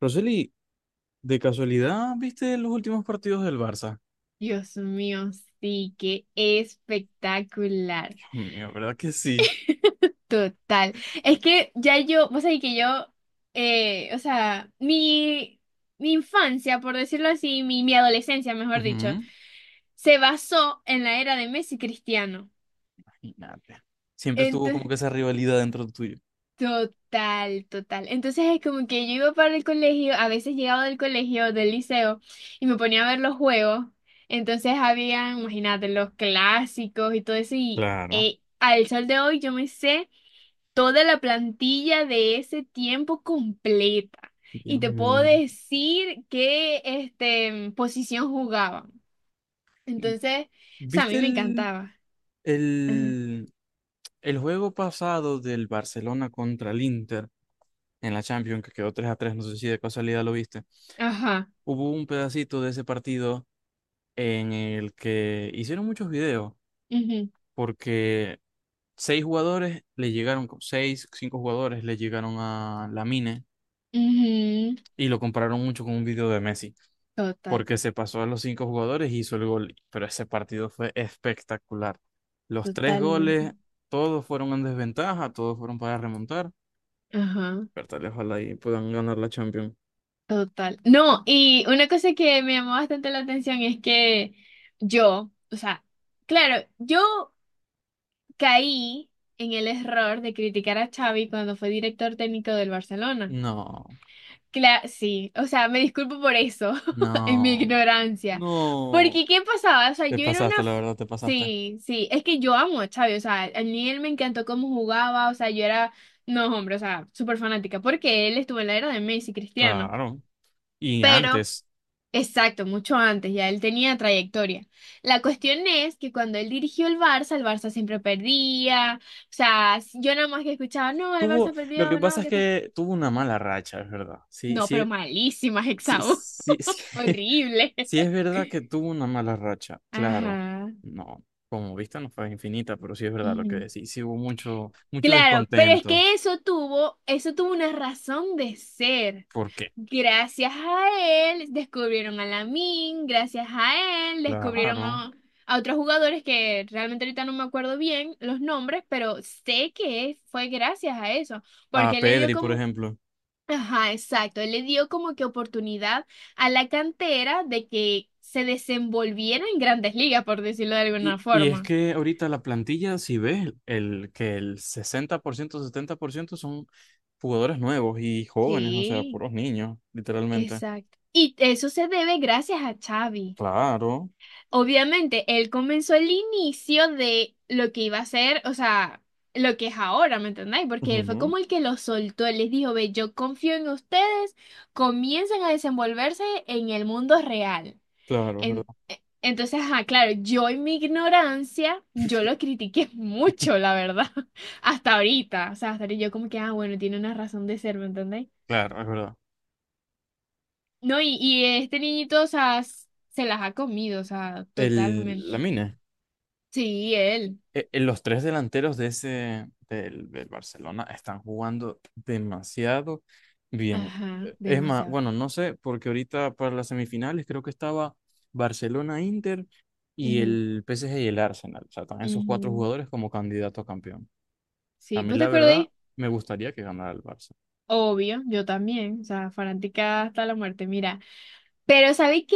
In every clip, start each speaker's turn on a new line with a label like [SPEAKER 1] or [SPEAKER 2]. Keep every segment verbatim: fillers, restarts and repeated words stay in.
[SPEAKER 1] Roseli, ¿de casualidad viste los últimos partidos del Barça?
[SPEAKER 2] Dios mío, sí, qué espectacular.
[SPEAKER 1] Dios mío, ¿verdad que sí?
[SPEAKER 2] Total. Es que ya yo, vos sabés que yo, eh, o sea, mi, mi infancia, por decirlo así, mi, mi adolescencia, mejor dicho,
[SPEAKER 1] Ujú.
[SPEAKER 2] se basó en la era de Messi y Cristiano.
[SPEAKER 1] Imagínate. Siempre estuvo como que esa rivalidad dentro de tuyo.
[SPEAKER 2] Total, total. Entonces es como que yo iba para el colegio, a veces llegaba del colegio, del liceo, y me ponía a ver los juegos. Entonces habían, imagínate, los clásicos y todo eso. Y
[SPEAKER 1] Claro.
[SPEAKER 2] eh, al sol de hoy yo me sé toda la plantilla de ese tiempo completa.
[SPEAKER 1] Dios
[SPEAKER 2] Y te puedo
[SPEAKER 1] mío.
[SPEAKER 2] decir qué este, posición jugaban. Entonces, o sea, a mí
[SPEAKER 1] ¿Viste
[SPEAKER 2] me
[SPEAKER 1] el,
[SPEAKER 2] encantaba. Ajá.
[SPEAKER 1] el, el juego pasado del Barcelona contra el Inter en la Champions, que quedó tres a tres? No sé si de casualidad lo viste.
[SPEAKER 2] Ajá.
[SPEAKER 1] Hubo un pedacito de ese partido en el que hicieron muchos videos,
[SPEAKER 2] Ujú,
[SPEAKER 1] porque seis jugadores le llegaron, con- seis, cinco jugadores le llegaron a Lamine
[SPEAKER 2] ujú.
[SPEAKER 1] y lo compararon mucho con un video de Messi,
[SPEAKER 2] Total,
[SPEAKER 1] porque se pasó a los cinco jugadores y hizo el gol, pero ese partido fue espectacular. Los tres
[SPEAKER 2] totalmente.
[SPEAKER 1] goles, todos fueron en desventaja, todos fueron para remontar,
[SPEAKER 2] Ajá,
[SPEAKER 1] pero tal vez ojalá y puedan ganar la Champions.
[SPEAKER 2] total. No, y una cosa que me llamó bastante la atención es que yo, o sea, claro, yo caí en el error de criticar a Xavi cuando fue director técnico del Barcelona.
[SPEAKER 1] No,
[SPEAKER 2] Cla- sí, o sea, me disculpo por eso, en mi
[SPEAKER 1] no,
[SPEAKER 2] ignorancia.
[SPEAKER 1] no.
[SPEAKER 2] Porque, ¿qué pasaba? O sea,
[SPEAKER 1] Te
[SPEAKER 2] yo era una...
[SPEAKER 1] pasaste, la
[SPEAKER 2] f-
[SPEAKER 1] verdad, te pasaste.
[SPEAKER 2] Sí, sí, es que yo amo a Xavi, o sea, a mí él me encantó cómo jugaba, o sea, yo era, no, hombre, o sea, súper fanática, porque él estuvo en la era de Messi, Cristiano.
[SPEAKER 1] Claro. Y
[SPEAKER 2] pero
[SPEAKER 1] antes,
[SPEAKER 2] Exacto, mucho antes, ya él tenía trayectoria. La cuestión es que cuando él dirigió el Barça, el Barça siempre perdía. O sea, s- yo nada más que escuchaba, no, el
[SPEAKER 1] tuvo,
[SPEAKER 2] Barça
[SPEAKER 1] lo que
[SPEAKER 2] perdió,
[SPEAKER 1] pasa
[SPEAKER 2] no,
[SPEAKER 1] es
[SPEAKER 2] ¿qué tal?
[SPEAKER 1] que tuvo una mala racha, es verdad. Sí,
[SPEAKER 2] No,
[SPEAKER 1] sí,
[SPEAKER 2] pero malísimas,
[SPEAKER 1] sí,
[SPEAKER 2] Hexau.
[SPEAKER 1] sí, sí,
[SPEAKER 2] Horrible.
[SPEAKER 1] sí es verdad que tuvo una mala racha, claro.
[SPEAKER 2] Ajá.
[SPEAKER 1] No, como vista no fue infinita, pero sí es verdad lo que decís. Sí hubo mucho, mucho
[SPEAKER 2] Claro, pero es
[SPEAKER 1] descontento.
[SPEAKER 2] que eso tuvo, eso tuvo una razón de ser.
[SPEAKER 1] ¿Por qué?
[SPEAKER 2] Gracias a él descubrieron a Lamin, gracias a él descubrieron
[SPEAKER 1] Claro.
[SPEAKER 2] a, a otros jugadores que realmente ahorita no me acuerdo bien los nombres, pero sé que fue gracias a eso,
[SPEAKER 1] A
[SPEAKER 2] porque él le dio
[SPEAKER 1] Pedri, por
[SPEAKER 2] como,
[SPEAKER 1] ejemplo.
[SPEAKER 2] ajá, exacto, él le dio como que oportunidad a la cantera de que se desenvolviera en grandes ligas, por decirlo de alguna
[SPEAKER 1] Y, y es
[SPEAKER 2] forma.
[SPEAKER 1] que ahorita la plantilla, si ves, el, que el sesenta por ciento, setenta por ciento son jugadores nuevos y jóvenes, o sea,
[SPEAKER 2] Sí.
[SPEAKER 1] puros niños, literalmente.
[SPEAKER 2] Exacto. Y eso se debe gracias a Xavi.
[SPEAKER 1] Claro.
[SPEAKER 2] Obviamente, él comenzó el inicio de lo que iba a ser, o sea, lo que es ahora, ¿me entendéis? Porque él fue
[SPEAKER 1] Ujú.
[SPEAKER 2] como el que lo soltó, él les dijo, ve, yo confío en ustedes, comiencen a desenvolverse en el mundo real.
[SPEAKER 1] Claro, es verdad.
[SPEAKER 2] En- e- entonces, ajá, claro, yo en mi ignorancia, yo lo critiqué mucho, la verdad, hasta ahorita, o sea, hasta ahorita yo como que, ah, bueno, tiene una razón de ser, ¿me entendéis?
[SPEAKER 1] Claro, es verdad.
[SPEAKER 2] No, y, y este niñito, o sea, s- se las ha comido, o sea,
[SPEAKER 1] El, la
[SPEAKER 2] totalmente. Sí, él.
[SPEAKER 1] eh, eh, los tres delanteros de ese del, del Barcelona están jugando demasiado bien.
[SPEAKER 2] Ajá,
[SPEAKER 1] Eh, Es más,
[SPEAKER 2] demasiado.
[SPEAKER 1] bueno, no sé, porque ahorita para las semifinales creo que estaba Barcelona-Inter y
[SPEAKER 2] Ujú,
[SPEAKER 1] el P S G y el Arsenal. O sea, están esos cuatro
[SPEAKER 2] ujú.
[SPEAKER 1] jugadores como candidato a campeón. A
[SPEAKER 2] Sí,
[SPEAKER 1] mí,
[SPEAKER 2] ¿vos te
[SPEAKER 1] la verdad,
[SPEAKER 2] acordáis?
[SPEAKER 1] me gustaría que ganara el Barça.
[SPEAKER 2] Obvio, yo también, o sea, fanática hasta la muerte, mira. Pero ¿sabéis que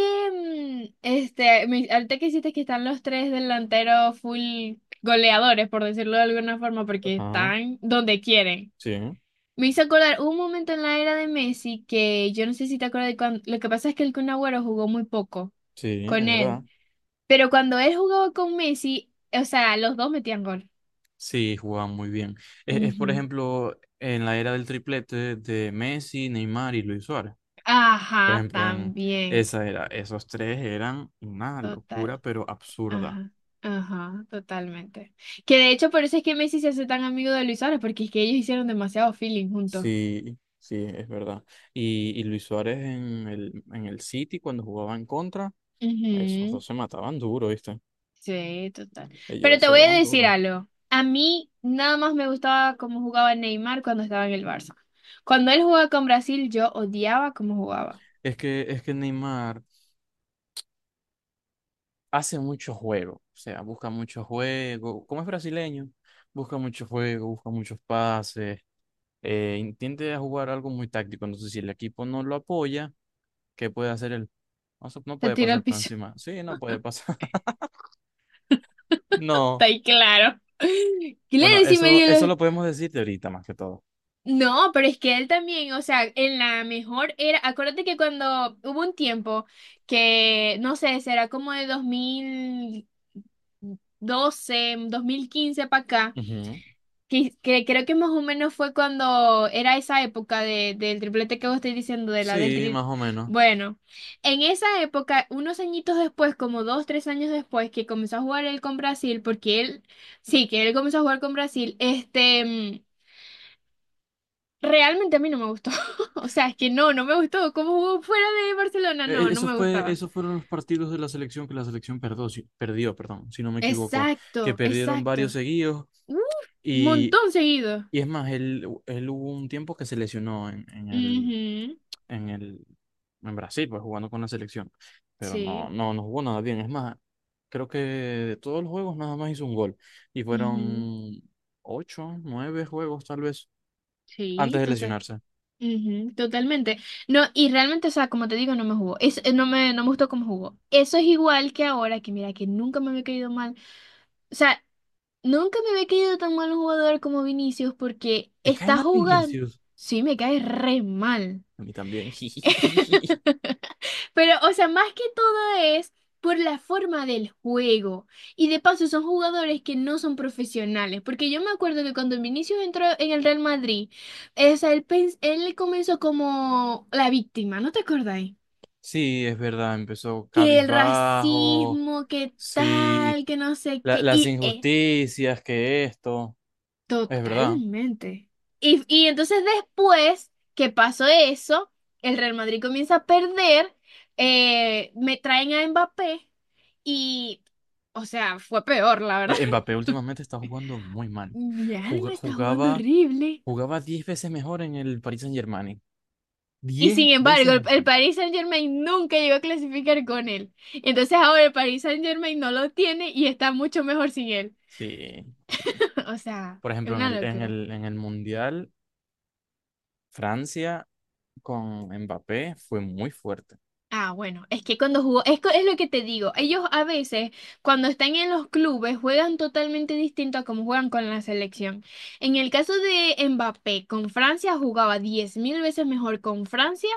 [SPEAKER 2] mm, este, me- ahorita que hiciste que están los tres delanteros full goleadores, por decirlo de alguna forma, porque
[SPEAKER 1] Ajá,
[SPEAKER 2] están donde quieren.
[SPEAKER 1] sí,
[SPEAKER 2] Me hizo acordar hubo un momento en la era de Messi que yo no sé si te acuerdas de cuando. Lo que pasa es que el Kun Agüero jugó muy poco
[SPEAKER 1] sí, es
[SPEAKER 2] con él.
[SPEAKER 1] verdad.
[SPEAKER 2] Pero cuando él jugaba con Messi, o sea, los dos metían gol.
[SPEAKER 1] Sí, jugaban muy bien. Es, es, por
[SPEAKER 2] Ujú.
[SPEAKER 1] ejemplo, en la era del triplete de Messi, Neymar y Luis Suárez. Por
[SPEAKER 2] Ajá,
[SPEAKER 1] ejemplo, en
[SPEAKER 2] también.
[SPEAKER 1] esa era, esos tres eran una
[SPEAKER 2] Total.
[SPEAKER 1] locura, pero absurda.
[SPEAKER 2] Ajá. Ajá, totalmente. Que de hecho por eso es que Messi se hace tan amigo de Luis Suárez, porque es que ellos hicieron demasiado feeling juntos.
[SPEAKER 1] Sí, sí, es verdad. Y, y Luis Suárez en el, en el City, cuando jugaba en contra, esos
[SPEAKER 2] Ujú.
[SPEAKER 1] dos se mataban duro, ¿viste?
[SPEAKER 2] Sí, total. Pero
[SPEAKER 1] Ellos
[SPEAKER 2] te
[SPEAKER 1] se
[SPEAKER 2] voy a
[SPEAKER 1] daban
[SPEAKER 2] decir
[SPEAKER 1] duro.
[SPEAKER 2] algo. A mí nada más me gustaba cómo jugaba Neymar cuando estaba en el Barça. Cuando él jugaba con Brasil, yo odiaba cómo jugaba.
[SPEAKER 1] Es que, es que Neymar hace mucho juego, o sea, busca mucho juego. Como es brasileño, busca mucho juego, busca muchos pases, eh, intenta jugar algo muy táctico. Entonces, si el equipo no lo apoya, ¿qué puede hacer el? No, se- no
[SPEAKER 2] Se
[SPEAKER 1] puede
[SPEAKER 2] tiró
[SPEAKER 1] pasar
[SPEAKER 2] al
[SPEAKER 1] por
[SPEAKER 2] piso.
[SPEAKER 1] encima. Sí, no puede pasar. No.
[SPEAKER 2] Está ahí claro.
[SPEAKER 1] Bueno,
[SPEAKER 2] Claro, sí me
[SPEAKER 1] eso,
[SPEAKER 2] dio
[SPEAKER 1] eso
[SPEAKER 2] los...
[SPEAKER 1] lo podemos decir de ahorita más que todo.
[SPEAKER 2] No, pero es que él también, o sea, en la mejor era... Acuérdate que cuando hubo un tiempo que, no sé, será como de dos dos mil doce dos mil quince para acá.
[SPEAKER 1] Ujú.
[SPEAKER 2] Que, que creo que más o menos fue cuando era esa época de, del triplete que vos estoy diciendo, de la del
[SPEAKER 1] Sí, más
[SPEAKER 2] tri...
[SPEAKER 1] o menos.
[SPEAKER 2] Bueno, en esa época, unos añitos después, como dos, tres años después, que comenzó a jugar él con Brasil, porque él, sí, que él comenzó a jugar con Brasil, este, mm, realmente a mí no me gustó. O sea, es que no, no me gustó. ¿Cómo jugó fuera de Barcelona?
[SPEAKER 1] E-
[SPEAKER 2] No,
[SPEAKER 1] e-
[SPEAKER 2] no
[SPEAKER 1] Eso
[SPEAKER 2] me
[SPEAKER 1] fue,
[SPEAKER 2] gustaba.
[SPEAKER 1] esos fueron los partidos de la selección que la selección perdió, si, perdió, perdón, si no me equivoco, que
[SPEAKER 2] Exacto,
[SPEAKER 1] perdieron varios
[SPEAKER 2] exacto.
[SPEAKER 1] seguidos
[SPEAKER 2] Uf, un
[SPEAKER 1] y,
[SPEAKER 2] montón seguido.
[SPEAKER 1] y es más, él, él hubo un tiempo que se lesionó en, en el,
[SPEAKER 2] Ujú,
[SPEAKER 1] en el en Brasil, pues jugando con la selección, pero no
[SPEAKER 2] sí,
[SPEAKER 1] no no jugó nada bien, es más, creo que de todos los juegos nada más hizo un gol y
[SPEAKER 2] ujú,
[SPEAKER 1] fueron ocho, nueve juegos tal vez antes
[SPEAKER 2] sí,
[SPEAKER 1] de
[SPEAKER 2] total.
[SPEAKER 1] lesionarse.
[SPEAKER 2] Ujú, totalmente. No, y realmente, o sea, como te digo, no me jugó. Es, eh, no me, no me gustó cómo jugó. Eso es igual que ahora, que mira, que nunca me había caído mal. O sea, nunca me había caído tan mal un jugador como Vinicius porque
[SPEAKER 1] ¿Te cae
[SPEAKER 2] está
[SPEAKER 1] mal
[SPEAKER 2] jugando.
[SPEAKER 1] Vinicius?
[SPEAKER 2] Sí, me cae re mal.
[SPEAKER 1] A mí también.
[SPEAKER 2] Pero, o sea, más que todo es por la forma del juego. Y de paso, son jugadores que no son profesionales. Porque yo me acuerdo que cuando Vinicius entró en el Real Madrid, eh, o sea, él, pens- él comenzó como la víctima, ¿no te acordáis?
[SPEAKER 1] Sí, es verdad, empezó
[SPEAKER 2] Que el
[SPEAKER 1] cabizbajo.
[SPEAKER 2] racismo, que
[SPEAKER 1] Sí,
[SPEAKER 2] tal, que no sé
[SPEAKER 1] la-
[SPEAKER 2] qué.
[SPEAKER 1] las
[SPEAKER 2] Y eh,
[SPEAKER 1] injusticias que esto, es verdad.
[SPEAKER 2] Totalmente. Y, y entonces después que pasó eso, el Real Madrid comienza a perder, eh, me traen a Mbappé y, o sea, fue peor, la verdad.
[SPEAKER 1] Eh, Mbappé últimamente está jugando muy mal.
[SPEAKER 2] Mi
[SPEAKER 1] Juga-
[SPEAKER 2] alma está jugando
[SPEAKER 1] Jugaba
[SPEAKER 2] horrible.
[SPEAKER 1] Jugaba diez veces mejor en el Paris Saint-Germain.
[SPEAKER 2] Y
[SPEAKER 1] Diez
[SPEAKER 2] sin embargo,
[SPEAKER 1] veces
[SPEAKER 2] el, el
[SPEAKER 1] mejor.
[SPEAKER 2] Paris Saint-Germain nunca llegó a clasificar con él. Entonces ahora el Paris Saint-Germain no lo tiene y está mucho mejor sin él.
[SPEAKER 1] Sí, sí.
[SPEAKER 2] O sea,
[SPEAKER 1] Por
[SPEAKER 2] es
[SPEAKER 1] ejemplo, en
[SPEAKER 2] una
[SPEAKER 1] el, en
[SPEAKER 2] locura.
[SPEAKER 1] el, en el Mundial, Francia con Mbappé fue muy fuerte.
[SPEAKER 2] Ah, bueno, es que cuando jugó, es, co- es lo que te digo, ellos a veces cuando están en los clubes juegan totalmente distinto a como juegan con la selección. En el caso de Mbappé, con Francia jugaba diez mil veces mejor con Francia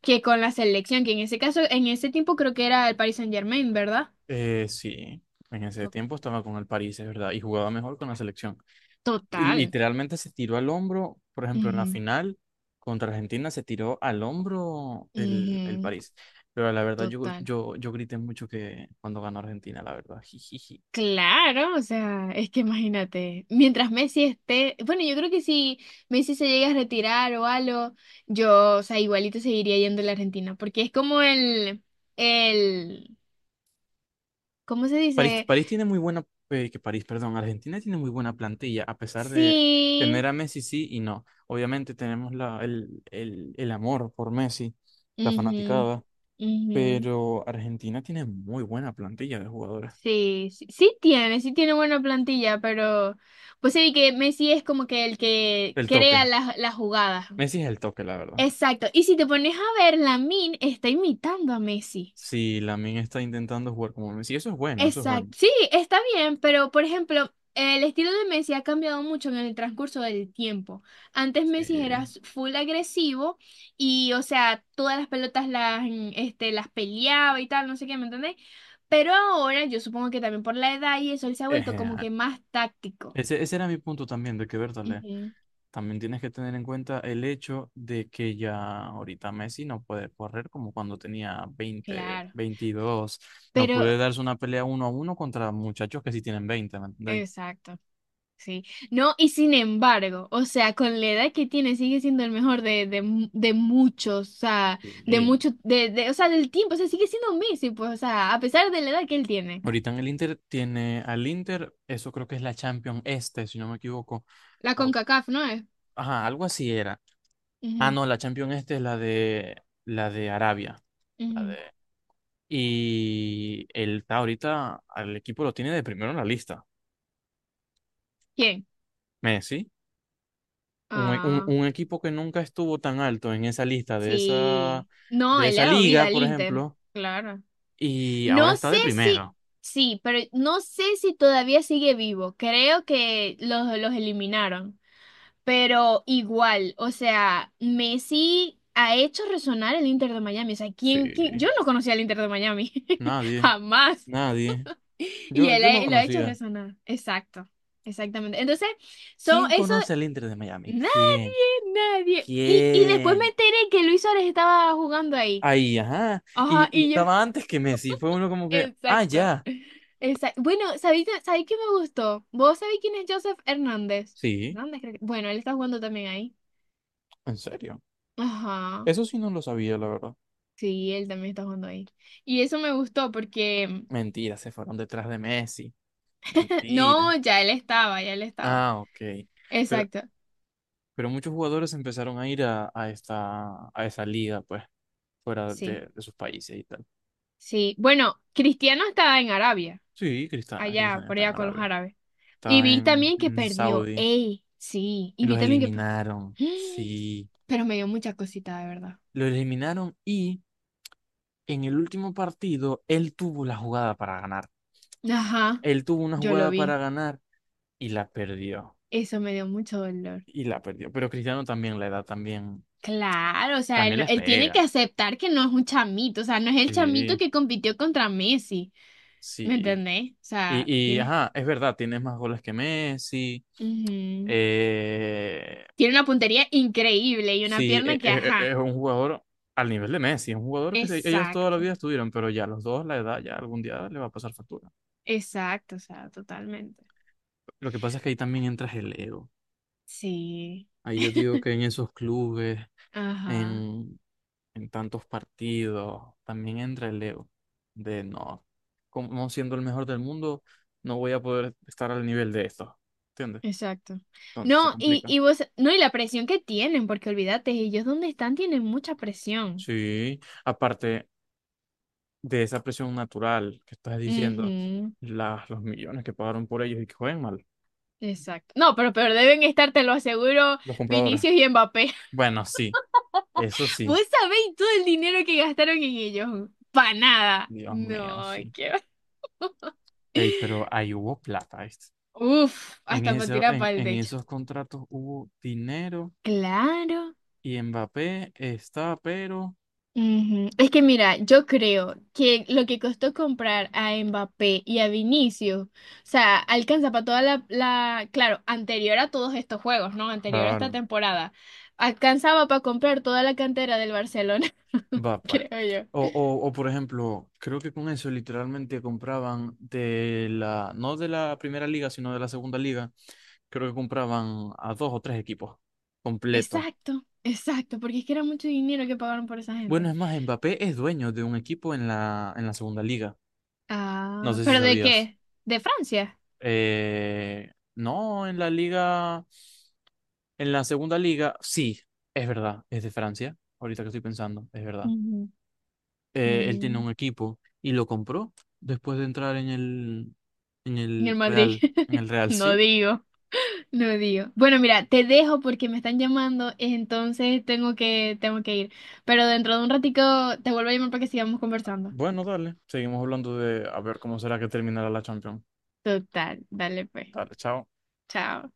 [SPEAKER 2] que con la selección, que en ese caso, en ese tiempo creo que era el Paris Saint-Germain, ¿verdad?
[SPEAKER 1] Eh, sí, en ese
[SPEAKER 2] To-
[SPEAKER 1] tiempo estaba con el París, es verdad, y jugaba mejor con la selección.
[SPEAKER 2] Total.
[SPEAKER 1] Literalmente se tiró al hombro, por ejemplo, en la
[SPEAKER 2] Ujú,
[SPEAKER 1] final contra Argentina se tiró al hombro el, el
[SPEAKER 2] ujú.
[SPEAKER 1] París. Pero la verdad, yo,
[SPEAKER 2] Total.
[SPEAKER 1] yo, yo grité mucho que cuando ganó Argentina, la verdad. Jijiji.
[SPEAKER 2] Claro, o sea, es que imagínate, mientras Messi esté, bueno, yo creo que si Messi se llega a retirar o algo, yo, o sea, igualito seguiría yendo a la Argentina, porque es como el, el, ¿cómo se
[SPEAKER 1] París,
[SPEAKER 2] dice?
[SPEAKER 1] París tiene muy buena, eh, que París, perdón, Argentina tiene muy buena plantilla, a pesar de tener
[SPEAKER 2] Sí,
[SPEAKER 1] a Messi sí y no. Obviamente tenemos la, el, el, el amor por Messi, la
[SPEAKER 2] mhm,
[SPEAKER 1] fanaticada,
[SPEAKER 2] mhm,
[SPEAKER 1] pero Argentina tiene muy buena plantilla de jugadores.
[SPEAKER 2] sí, sí, sí tiene, sí tiene buena plantilla, pero pues sí que Messi es como que el que
[SPEAKER 1] El toque.
[SPEAKER 2] crea las, las jugadas.
[SPEAKER 1] Messi es el toque, la verdad.
[SPEAKER 2] Exacto, y si te pones a ver, Min está imitando a Messi.
[SPEAKER 1] Si Lamine está intentando jugar como Messi, eso es bueno, eso es
[SPEAKER 2] Exacto.
[SPEAKER 1] bueno.
[SPEAKER 2] Sí, está bien, pero por ejemplo, el estilo de Messi ha cambiado mucho en el transcurso del tiempo. Antes Messi
[SPEAKER 1] Sí.
[SPEAKER 2] era s- full agresivo y, o sea, todas las pelotas las, mm, este, las peleaba y tal, no sé qué, ¿me entendéis? Pero ahora yo supongo que también por la edad y eso, él se ha vuelto como
[SPEAKER 1] Ejea.
[SPEAKER 2] que más táctico.
[SPEAKER 1] Ese, ese era mi punto también, de que, verdad.
[SPEAKER 2] Ujú,
[SPEAKER 1] También tienes que tener en cuenta el hecho de que ya ahorita Messi no puede correr como cuando tenía veinte
[SPEAKER 2] claro.
[SPEAKER 1] veintidós No
[SPEAKER 2] Pero,
[SPEAKER 1] puede darse una pelea uno a uno contra muchachos que sí tienen veinte, ¿me entendéis?
[SPEAKER 2] exacto. Sí, no, y sin embargo, o sea, con la edad que tiene sigue siendo el mejor de, de, mu- de muchos, o sea,
[SPEAKER 1] Y-
[SPEAKER 2] de
[SPEAKER 1] y
[SPEAKER 2] mucho, de, de, o sea, del tiempo, o sea, sigue siendo Messi, pues, o sea, a pesar de la edad que él tiene.
[SPEAKER 1] ahorita en el Inter tiene al Inter, eso creo que es la Champions Este, si no me equivoco.
[SPEAKER 2] La
[SPEAKER 1] O-
[SPEAKER 2] CONCACAF, ¿no es?
[SPEAKER 1] ajá, algo así era. Ah,
[SPEAKER 2] Ujú,
[SPEAKER 1] no, la Champions Este es la de, la de, Arabia. La de,
[SPEAKER 2] ujú.
[SPEAKER 1] y él está ahorita, al equipo lo tiene de primero en la lista.
[SPEAKER 2] ¿Quién?
[SPEAKER 1] Messi, un, e- un-
[SPEAKER 2] Ah,
[SPEAKER 1] un equipo que nunca estuvo tan alto en esa lista de esa,
[SPEAKER 2] sí. No,
[SPEAKER 1] de
[SPEAKER 2] él le
[SPEAKER 1] esa
[SPEAKER 2] ha dado vida
[SPEAKER 1] liga,
[SPEAKER 2] al
[SPEAKER 1] por
[SPEAKER 2] Inter,
[SPEAKER 1] ejemplo,
[SPEAKER 2] claro.
[SPEAKER 1] y ahora
[SPEAKER 2] No
[SPEAKER 1] está
[SPEAKER 2] sé
[SPEAKER 1] de
[SPEAKER 2] si,
[SPEAKER 1] primero.
[SPEAKER 2] sí, pero no sé si todavía sigue vivo, creo que los, los eliminaron. Pero igual, o sea, Messi ha hecho resonar el Inter de Miami. O sea, ¿quién, quién? Yo
[SPEAKER 1] Sí,
[SPEAKER 2] no conocía al Inter de Miami.
[SPEAKER 1] nadie,
[SPEAKER 2] Jamás.
[SPEAKER 1] nadie.
[SPEAKER 2] Y
[SPEAKER 1] Yo,
[SPEAKER 2] él
[SPEAKER 1] yo no
[SPEAKER 2] ha- lo ha hecho
[SPEAKER 1] conocía.
[SPEAKER 2] resonar. Exacto. Exactamente. Entonces, son
[SPEAKER 1] ¿Quién
[SPEAKER 2] eso.
[SPEAKER 1] conoce al Inter de Miami?
[SPEAKER 2] Nadie,
[SPEAKER 1] ¿Quién?
[SPEAKER 2] nadie. Y, y después me
[SPEAKER 1] ¿Quién?
[SPEAKER 2] enteré que Luis Suárez estaba jugando ahí.
[SPEAKER 1] Ahí, ajá.
[SPEAKER 2] Ajá,
[SPEAKER 1] Y, y
[SPEAKER 2] y yo.
[SPEAKER 1] estaba antes que Messi. Fue uno como que, ah,
[SPEAKER 2] Exacto.
[SPEAKER 1] ya.
[SPEAKER 2] Exacto. Bueno, ¿sabéis, sabéis qué me gustó? ¿Vos sabéis quién es Joseph Hernández?
[SPEAKER 1] Sí,
[SPEAKER 2] Hernández, creo que. Bueno, él está jugando también ahí.
[SPEAKER 1] en serio.
[SPEAKER 2] Ajá.
[SPEAKER 1] Eso sí no lo sabía, la verdad.
[SPEAKER 2] Sí, él también está jugando ahí. Y eso me gustó porque...
[SPEAKER 1] Mentira, se fueron detrás de Messi. Mentira.
[SPEAKER 2] No, ya él estaba, ya él estaba.
[SPEAKER 1] Ah, ok. Pero
[SPEAKER 2] Exacto.
[SPEAKER 1] Pero muchos jugadores empezaron a ir a, a esta, a esa liga, pues, fuera
[SPEAKER 2] Sí,
[SPEAKER 1] de, de sus países y tal.
[SPEAKER 2] sí. Bueno, Cristiano estaba en Arabia,
[SPEAKER 1] Sí, Cristiano,
[SPEAKER 2] allá,
[SPEAKER 1] Cristiano
[SPEAKER 2] por
[SPEAKER 1] está en
[SPEAKER 2] allá con los
[SPEAKER 1] Arabia.
[SPEAKER 2] árabes. Y
[SPEAKER 1] Está
[SPEAKER 2] vi
[SPEAKER 1] en,
[SPEAKER 2] también que
[SPEAKER 1] en
[SPEAKER 2] perdió.
[SPEAKER 1] Saudi.
[SPEAKER 2] Ey, sí.
[SPEAKER 1] Y
[SPEAKER 2] Y vi
[SPEAKER 1] los
[SPEAKER 2] también que... per-
[SPEAKER 1] eliminaron. Sí.
[SPEAKER 2] Pero me dio mucha cosita, de verdad.
[SPEAKER 1] Los eliminaron y en el último partido él tuvo la jugada para ganar.
[SPEAKER 2] Ajá,
[SPEAKER 1] Él tuvo una
[SPEAKER 2] yo lo
[SPEAKER 1] jugada para
[SPEAKER 2] vi.
[SPEAKER 1] ganar y la perdió.
[SPEAKER 2] Eso me dio mucho dolor.
[SPEAKER 1] Y la perdió. Pero Cristiano también la edad también,
[SPEAKER 2] Claro, o sea, él,
[SPEAKER 1] también
[SPEAKER 2] no-
[SPEAKER 1] les
[SPEAKER 2] él tiene que
[SPEAKER 1] pega.
[SPEAKER 2] aceptar que no es un chamito, o sea, no es el chamito
[SPEAKER 1] Sí,
[SPEAKER 2] que compitió contra Messi. ¿Me
[SPEAKER 1] sí.
[SPEAKER 2] entendés? O sea,
[SPEAKER 1] Y, y,
[SPEAKER 2] tiene,
[SPEAKER 1] ajá, es verdad, tienes más goles que Messi.
[SPEAKER 2] ujú.
[SPEAKER 1] eh,
[SPEAKER 2] Tiene una puntería increíble y una
[SPEAKER 1] sí,
[SPEAKER 2] pierna
[SPEAKER 1] e-
[SPEAKER 2] que,
[SPEAKER 1] e- e-
[SPEAKER 2] ajá,
[SPEAKER 1] es, un jugador al nivel de Messi, es un jugador que se- ellos toda la
[SPEAKER 2] exacto,
[SPEAKER 1] vida estuvieron, pero ya los dos, la edad, ya algún día le va a pasar factura.
[SPEAKER 2] exacto, o sea, totalmente.
[SPEAKER 1] Lo que pasa es que ahí también entras el ego.
[SPEAKER 2] Sí,
[SPEAKER 1] Ahí yo digo que en esos clubes,
[SPEAKER 2] ajá,
[SPEAKER 1] en, en tantos partidos, también entra el ego de no, como siendo el mejor del mundo, no voy a poder estar al nivel de esto. ¿Entiendes?
[SPEAKER 2] exacto.
[SPEAKER 1] Entonces se
[SPEAKER 2] No, y,
[SPEAKER 1] complica.
[SPEAKER 2] y vos, no, y la presión que tienen, porque olvídate, ellos donde están tienen mucha presión.
[SPEAKER 1] Sí. Aparte, de esa presión natural que estás diciendo,
[SPEAKER 2] Ujú,
[SPEAKER 1] las los millones que pagaron por ellos y que juegan mal,
[SPEAKER 2] exacto. No, pero, pero deben estar, te lo aseguro,
[SPEAKER 1] los compradores.
[SPEAKER 2] Vinicius y Mbappé.
[SPEAKER 1] Bueno, sí, eso
[SPEAKER 2] Vos
[SPEAKER 1] sí.
[SPEAKER 2] sabéis todo el dinero que gastaron en ellos. Pa nada.
[SPEAKER 1] Dios mío,
[SPEAKER 2] No,
[SPEAKER 1] sí.
[SPEAKER 2] qué
[SPEAKER 1] Ey, pero ahí hubo plata, ¿viste?
[SPEAKER 2] uf,
[SPEAKER 1] En
[SPEAKER 2] hasta para
[SPEAKER 1] eso,
[SPEAKER 2] tirar para
[SPEAKER 1] en,
[SPEAKER 2] el
[SPEAKER 1] en
[SPEAKER 2] techo.
[SPEAKER 1] esos contratos hubo dinero
[SPEAKER 2] Claro.
[SPEAKER 1] y Mbappé está, pero...
[SPEAKER 2] Ujú. Es que mira, yo creo que lo que costó comprar a Mbappé y a Vinicius, o sea, alcanza para toda la, la, claro, anterior a todos estos juegos, ¿no? Anterior a esta
[SPEAKER 1] Claro.
[SPEAKER 2] temporada, alcanzaba para comprar toda la cantera del Barcelona,
[SPEAKER 1] Va, pues.
[SPEAKER 2] creo
[SPEAKER 1] O,
[SPEAKER 2] yo.
[SPEAKER 1] o, o, por ejemplo, creo que con eso literalmente compraban de la, no de la primera liga, sino de la segunda liga, creo que compraban a dos o tres equipos completos.
[SPEAKER 2] Exacto, exacto, porque es que era mucho dinero que pagaron por esa
[SPEAKER 1] Bueno,
[SPEAKER 2] gente.
[SPEAKER 1] es más, Mbappé es dueño de un equipo en la, en la, segunda liga. No
[SPEAKER 2] Ah,
[SPEAKER 1] sé si
[SPEAKER 2] ¿pero de
[SPEAKER 1] sabías.
[SPEAKER 2] qué? ¿De Francia?
[SPEAKER 1] Eh, no, en la liga, en la segunda liga, sí, es verdad, es de Francia. Ahorita que estoy pensando, es verdad.
[SPEAKER 2] Ujú.
[SPEAKER 1] eh, él tiene
[SPEAKER 2] Mm,
[SPEAKER 1] un equipo y lo compró después de entrar en el, en
[SPEAKER 2] En el
[SPEAKER 1] el
[SPEAKER 2] Madrid,
[SPEAKER 1] Real, en el Real,
[SPEAKER 2] no
[SPEAKER 1] sí.
[SPEAKER 2] digo. No digo. Bueno, mira, te dejo porque me están llamando, entonces tengo que, tengo que ir. Pero dentro de un ratico te vuelvo a llamar para que sigamos conversando.
[SPEAKER 1] Bueno, dale, seguimos hablando de a ver cómo será que terminará la Champions.
[SPEAKER 2] Total, dale pues.
[SPEAKER 1] Dale, chao.
[SPEAKER 2] Chao.